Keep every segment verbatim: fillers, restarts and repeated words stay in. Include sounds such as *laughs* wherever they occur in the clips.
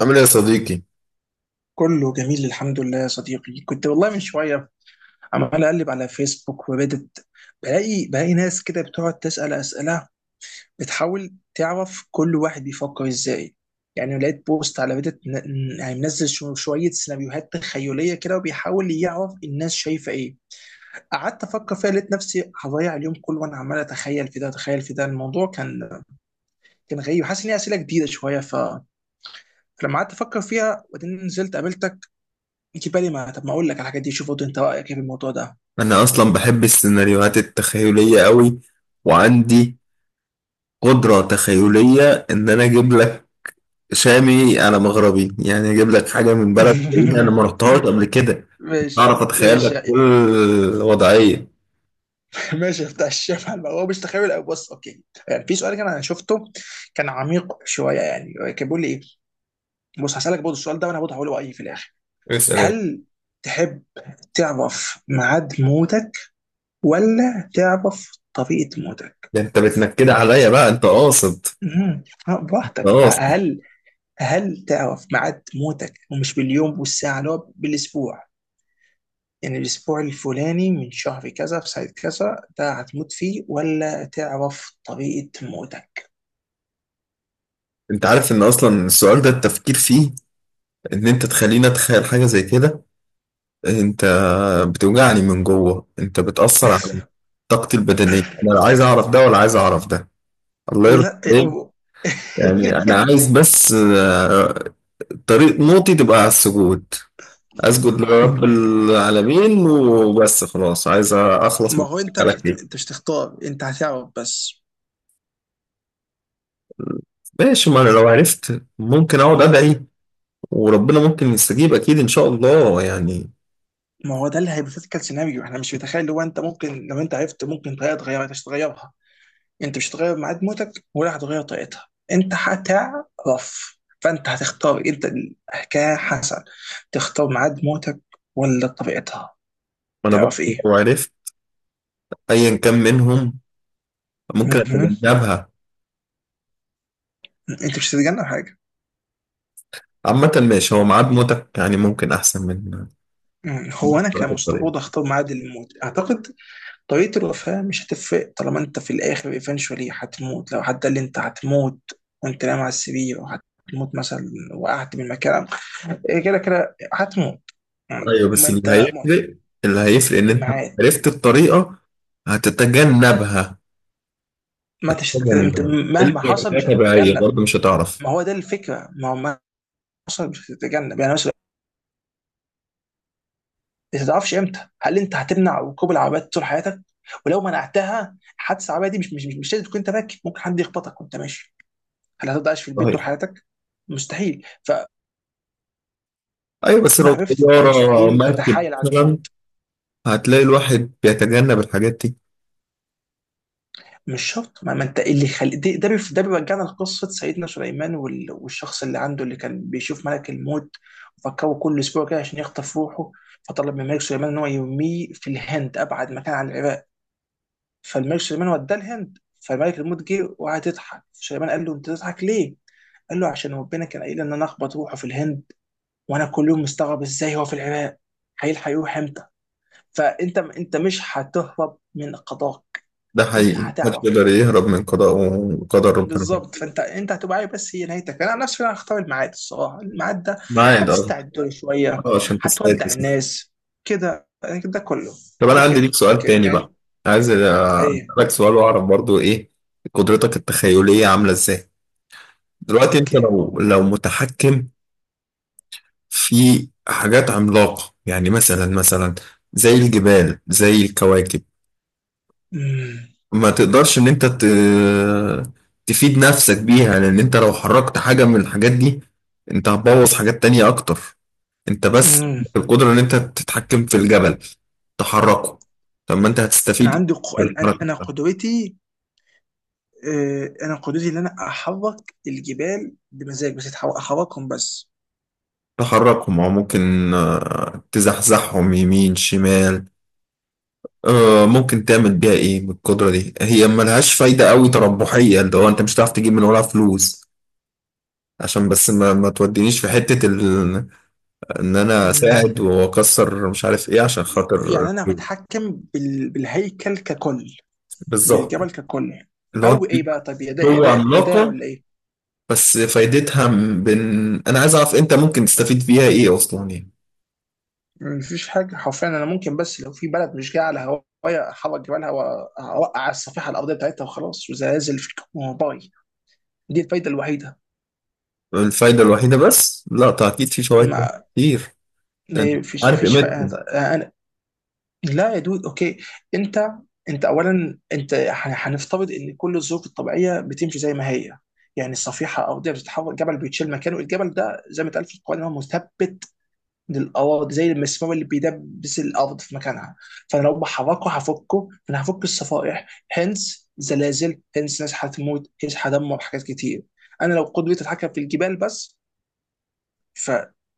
عامل ايه يا صديقي؟ كله جميل الحمد لله يا صديقي. كنت والله من شوية عمال أقلب على فيسبوك، وبدت بلاقي بلاقي ناس كده بتقعد تسأل أسئلة، بتحاول تعرف كل واحد بيفكر إزاي. يعني لقيت بوست على بدت ن- ن- يعني منزل شو- شوية سيناريوهات تخيلية كده وبيحاول يعرف الناس شايفة إيه. قعدت أفكر فيها لقيت نفسي هضيع اليوم كله وأنا عمال أتخيل في ده أتخيل في ده. الموضوع كان كان غريب، حاسس إن هي أسئلة جديدة شوية ف... فلما قعدت أفكر فيها وبعدين نزلت قابلتك يجي بالي، ما طب ما اقول لك على الحاجات دي، شوف برضه انت رايك ايه في الموضوع ده. أنا أصلا بحب السيناريوهات التخيلية قوي، وعندي قدرة تخيلية إن أنا أجيب لك شامي على مغربي، يعني أجيب لك حاجة من بلد بعيدة أنا *laughs* ما رحتهاش قبل كده. ماشي أعرف أتخيل ماشي لك كل وضعية. ماشي. بتاع الشمع الم- هو مش تخيل أوي. بص اوكي، يعني في سؤال كان انا شفته كان عميق شويه، يعني كان بيقول لي ايه. بص هسالك برضه السؤال ده وانا برضه هقوله رايي في الاخر. اسأل يا باشا. هل تحب تعرف ميعاد موتك ولا تعرف طريقه موتك؟ ده أنت بتنكد عليا بقى، أنت قاصد مم. آه، أنت براحتك. قاصد. هل هل تعرف ميعاد موتك ومش باليوم والساعه، اللي هو بالاسبوع، يعني الأسبوع الفلاني من شهر كذا في ساعة كذا ده هتموت فيه، ولا تعرف طريقة موتك؟ أنت عارف إن أصلا السؤال ده التفكير فيه، إن أنت تخليني أتخيل حاجة زي كده، انت بتوجعني من جوه، انت بتأثر على *laughs* طاقتي البدنية. انا لا عايز اعرف ده ولا عايز اعرف ده، الله يرضى لا عليك. و- *laughs* يعني انا عايز بس، آه، طريق موتي تبقى على السجود، اسجد لرب العالمين وبس، خلاص عايز اخلص ما من هو انت على مش هت... كده. انت مش تختار، انت هتعرف بس. ماشي، ما انا لو عرفت ممكن اقعد ادعي وربنا ممكن يستجيب، اكيد ان شاء الله يعني. ما هو ده اللي هيبوثيتيكال سيناريو احنا مش متخيل، لو انت ممكن لو انت عرفت ممكن طريقه تغيرها، انت مش هتغيرها. انت مش هتغير ميعاد موتك ولا هتغير طريقتها، انت هتعرف فانت هتختار. انت الحكايه حسن، تختار ميعاد موتك ولا طريقتها؟ ما انا برضه تعرف ايه. لو عرفت ايا كان منهم ممكن مهم. اتجنبها. انت مش هتتجنب حاجه. عامة ماشي، هو ميعاد موتك يعني ممكن احسن من مم. هو انا تعرف كمصطفى الطريقة. وضع اختار ميعاد الموت اعتقد. طريقه الوفاه مش هتفرق، طالما انت في الاخر ايفينشولي هتموت. لو حتى اللي انت هتموت وانت نايم على السرير، وهتموت مثلا وقعت من مكان، إيه كده كده هتموت. مم. ايوه ما بس اللي انت مت- هيفرق، اللي هيفرق ان انت لو الميعاد. عرفت الطريقة هتتجنبها، ما تشت... انت تجنبها. اللي مهما حصل مش هي طبيعية هتتجنب. برضه مش هتعرف. ما هو ده الفكره، ما هو مهما حصل مش هتتجنب يعني. انت ما تعرفش امتى، هل انت هتمنع ركوب العربيات طول حياتك؟ ولو منعتها حادثه عربيه دي مش مش مش, مش لازم تكون انت راكب، ممكن حد يخبطك وانت ماشي. هل هتفضل عايش في البيت طول صحيح. حياتك؟ مستحيل فما ايوه بس لو عرفت، انت طيارة مستحيل مركب تتحايل على مثلا الموت. هتلاقي الواحد بيتجنب الحاجات دي. مش شرط ما, ما انت اللي خل... ده ده بيف- ده بيرجعنا لقصه سيدنا سليمان وال... والشخص اللي عنده، اللي كان بيشوف ملك الموت وفكره كل اسبوع كده عشان يخطف روحه. فطلب من ملك سليمان ان هو يرميه في الهند، ابعد مكان عن العراق. فالملك سليمان وداه الهند، فملك الموت جه وقعد يضحك. سليمان قال له انت تضحك ليه؟ قال له عشان ربنا كان قايل ان انا اخبط روحه في الهند، وانا كل يوم مستغرب ازاي هو في العراق، هيلحق يروح امتى؟ فانت انت مش هتهرب من قضاك. ده انت حقيقي، محدش هتعرف. يقدر يهرب من قضاء وقدر ربنا. بالظبط، فانت انت هتبقى عارف بس هي نهايتك. انا عن نفسي انا هختار الميعاد الصراحه، الميعاد ده معاد اه. هتستعد له شويه، آه، عشان تساعد هتودع جسمك. الناس كده يعني ده كله. طب انا عندي ليك اوكي سؤال اوكي تاني بقى، يعني. عايز ايه. اسالك سؤال واعرف برضو ايه قدرتك التخيلية عاملة ازاي. دلوقتي انت اوكي. لو لو متحكم في حاجات عملاقة، يعني مثلا مثلا زي الجبال زي الكواكب، ما تقدرش ان انت ت... تفيد نفسك بيها، لان انت لو حركت حاجة من الحاجات دي انت هتبوظ حاجات تانية اكتر. انت بس امم. القدرة ان انت تتحكم في الجبل تحركه، طب ما انت انا هتستفيد عندي ق... انا انا بالحركة. قدوتي. آه، انا قدوتي ان انا احرك الجبال بمزاج بس. أتحر- احركهم بس. تحركهم او ممكن آه، تزحزحهم يمين شمال. آه، ممكن تعمل بيها ايه بالقدرة دي؟ هي ملهاش فايدة قوي تربحية، اللي هو انت مش هتعرف تجيب من وراها فلوس، عشان بس ما, ما تودينيش في حتة ال... ان انا اساعد مم. واكسر مش عارف ايه عشان خاطر يعني انا فلوس. بتحكم بال... بالهيكل ككل، بالظبط، بالجبل ككل. اللي هو انت او ايه ليك بقى، طب يا ده يا قوة ده يا ده عملاقة، ولا ايه؟ بس فايدتها م- بن... انا عايز اعرف انت ممكن تستفيد بيها ايه اصلا يعني. مفيش حاجه حرفيا، انا ممكن بس لو في بلد مش جايه على هوايا احرك جبالها واوقع على الصفيحه الارضيه بتاعتها وخلاص، وزلازل في. باي. دي الفايده الوحيده. الفايدة الوحيدة؟ بس لا، طيب اكيد في فوائد ما كتير، ده أنت ما فيش عارف فيش قيمتهم. فا- لا يا دود اوكي. انت انت اولا انت ح- هنفترض ان كل الظروف الطبيعيه بتمشي زي ما هي. يعني الصفيحه ارضيه بتتحرك، جبل بيتشيل مكانه، الجبل ده زي ما اتقال في القران إن هو مثبت للاراضي زي المسمار اللي بيدبس الارض في مكانها. فانا لو بحركه هفكه، فانا هفك الصفائح هنس زلازل، هنس ناس هتموت، هنس هدمر حاجات كتير. انا لو قدرتي اتحكم في الجبال بس ف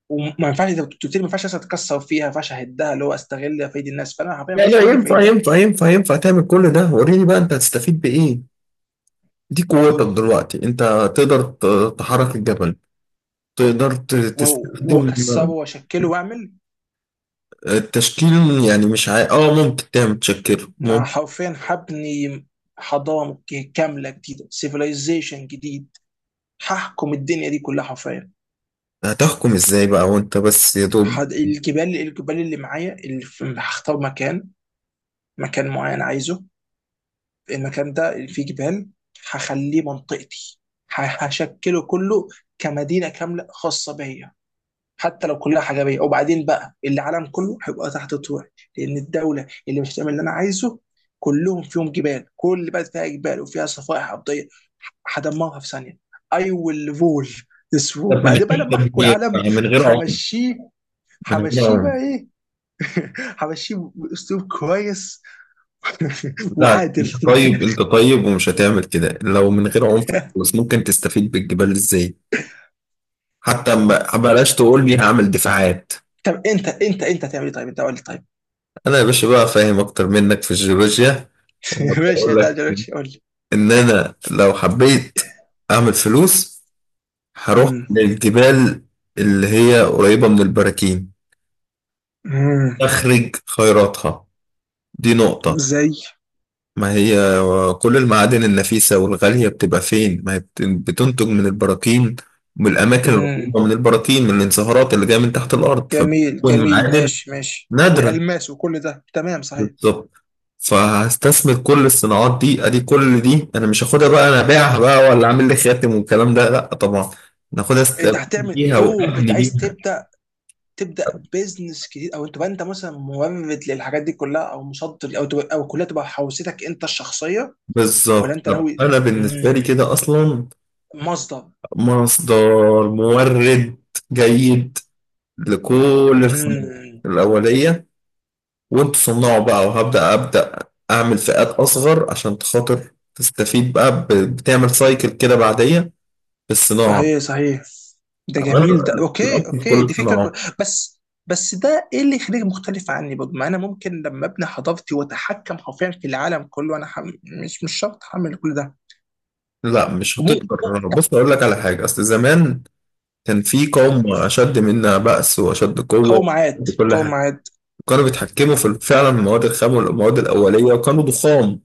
وما ينفعش، انت بتقول لي ما ينفعش أصلاً اتكسر فيها، ما ينفعش اهدها اللي هو استغل فايد الناس، فانا حرفيا ما لا فيش لا، اي ينفع فايده. ينفع ينفع ينفع، تعمل كل ده. وريني بقى انت هتستفيد بايه، دي قوتك دلوقتي، انت تقدر ت- تحرك الجبل، تقدر ت- و- تستخدم واكسره واشكله واعمل. التشكيل. يعني مش عا... اه ممكن تعمل تشكيل انا ممكن. حرفيا هبني حضاره ك- كامله جديده، سيفيلايزيشن جديد، هحكم الدنيا دي كلها حرفيا. هتحكم ازاي بقى وانت بس يا دوب؟ هد- الجبال الجبال اللي معايا اللي في- هختار مكان، مكان معين عايزه، المكان ده اللي فيه جبال هخليه منطقتي. ه- هشكله كله كمدينه كامله خاصه بيا، حتى لو كلها حجابيه. وبعدين بقى العالم كله هيبقى تحت طوعي، لان الدوله اللي مش هتعمل اللي انا عايزه كلهم فيهم جبال، كل بلد فيها جبال وفيها صفائح ارضيه، هدمرها في ثانيه. اي ويل رول ذس رول. طب من وبعدين بقى غير لما احكوا تدبير، العالم من غير عنف، همشيه، من غير همشيه عنف. بقى ايه. *laughs* *applause* همشيه باسلوب كويس. *laughs* *applause* لا وعادل. انت طيب، انت طيب ومش هتعمل كده. لو من غير عنف، بس ممكن تستفيد بالجبال ازاي؟ حتى ما بلاش تقول لي هعمل دفاعات. *applause* طب انت انت انت هتعمل ايه طيب؟ انت قول لي طيب. انا يا باشا بقى فاهم اكتر منك في الجيولوجيا *laughs* *laughs* ماشي، يا وهقول لك تعالى قول لي. ان انا لو حبيت اعمل فلوس هروح أمم. للجبال اللي هي قريبة من البراكين، أمم. اخرج خيراتها. دي نقطة، زي. ما هي كل المعادن النفيسة والغالية بتبقى فين؟ ما هي بت- بتنتج من البراكين، من الأماكن أمم. القريبة من البراكين، من الانصهارات اللي جاية من تحت الأرض، جميل فبتكون جميل معادن ماشي ماشي نادرة. والالماس وكل ده تمام صحيح. بالظبط، فهستثمر كل الصناعات دي. ادي كل دي انا مش هاخدها بقى، انا ابيعها بقى ولا اعمل لي خاتم والكلام ده؟ لا طبعا، انا هاخدها انت استفيد هتعمل بيها اوه، انت وابني عايز بيها. تبدا تبدا بيزنس جديد، او تبقى انت مثلا مورد للحاجات دي كلها، او مصدر، او تبقى او كلها تبقى حوزتك انت الشخصيه، ولا بالظبط، انت طب ناوي؟ انا بالنسبه مم. لي كده اصلا مصدر. مصدر، مورد جيد لكل الخامات مم. الاوليه، وانتوا صنعوا بقى. وهبدا ابدا اعمل فئات اصغر عشان خاطر تستفيد بقى، ب- بتعمل سايكل كده بعديه بالصناعه. صحيح صحيح. ده أنا جميل، ده اوكي الأصل في كل اوكي، دي فكره كو... الصناعات. بس بس ده ايه اللي يخليك مختلف عني برضه؟ ما انا ممكن لما ابني حضارتي واتحكم حرفيا في العالم كله انا ح... مش مش شرط هعمل كل ده لا مش وممكن. هتقدر، بص اقول لك على حاجه، اصل زمان كان في قوم اشد منا بأس واشد قوه قومعات وكل حاجه، قومعات. كانوا بيتحكموا في فعلا المواد الخام والمواد الاوليه وكانوا ضخام.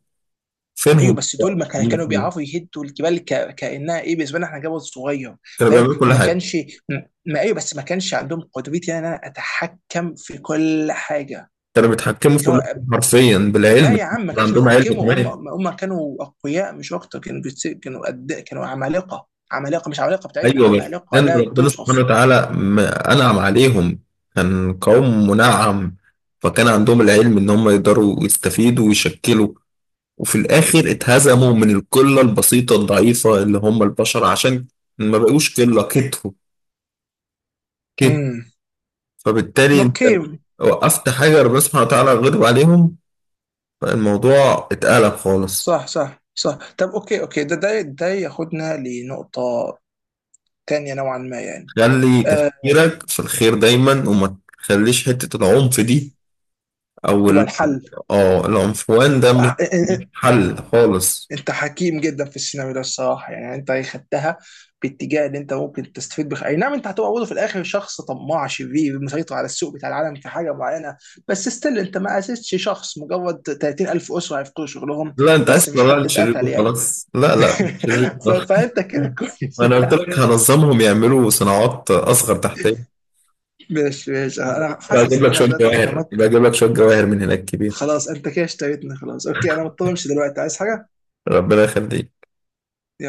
ايوه فينهم بس دول دلوقتي؟ ما هم كان- كانوا الاثنين. بيعرفوا يهدوا الجبال ك... كانها ايه بالنسبه لنا احنا جبل صغير. كانوا فاهم بيعملوا كل ما حاجه، كانش. ما ايوه بس ما كانش عندهم قدرتي، يعني ان انا اتحكم في كل حاجه. كانوا بيتحكموا في اللي كل هو حاجه حرفيا لا بالعلم، يا عم ما كان كانش عندهم علم بيتحكموا. كمان. هم هم كانوا اقوياء مش اكتر، كانوا بيتس... كانوا قد... كانوا عمالقه عمالقه، مش عمالقه بتاعتنا، ايوه بس عمالقه لان لا ربنا سبحانه توصف. وتعالى م- انعم عليهم، كان قوم منعم، فكان عندهم العلم ان هم يقدروا يستفيدوا ويشكلوا، وفي الآخر اتهزموا من القلة البسيطة الضعيفة اللي هم البشر، عشان ما بقوش قلة، كتروا كتر. امم. فبالتالي انت اوكي. وقفت حجر بسمع تعالى، غلب عليهم، فالموضوع اتقلب خالص. صح صح صح. طب اوكي اوكي ده ده ده ياخدنا لنقطه تانية نوعا ما يعني. خلي آه، تفكيرك في الخير دايما، وما تخليش حتة العنف دي أو تبقى ال- الحل. اه العنفوان ده مش آه، إن- مش إن- حل خالص. انت حكيم جدا في السيناريو ده الصراحه، يعني انت خدتها باتجاه اللي انت ممكن تستفيد بخ اي نعم انت هتبقى برضه في الاخر شخص طماع شرير مسيطر على السوق بتاع العالم في حاجه معينه. بس ستيل انت ما اسستش شخص، مجرد ثلاثين ألف اسره هيفقدوا شغلهم، لا انت عايز بس مفيش تطلع حد لي شرير اتقتل يعني. وخلاص؟ لا لا، مش شرير *laughs* ف... وخلاص. فانت كده كويس. *laughs* انا قلت لك هنظمهم يعملوا صناعات اصغر تحتيه. ماشي ماشي انا حاسس بجيب ان لك انا شوية بدات جواهر، اتخمت. بجيب لك شوية جواهر من هناك كبير. خلاص انت كده اشتريتني خلاص. اوكي انا مضطر امشي دلوقتي، عايز حاجه؟ ربنا يخليك. يلا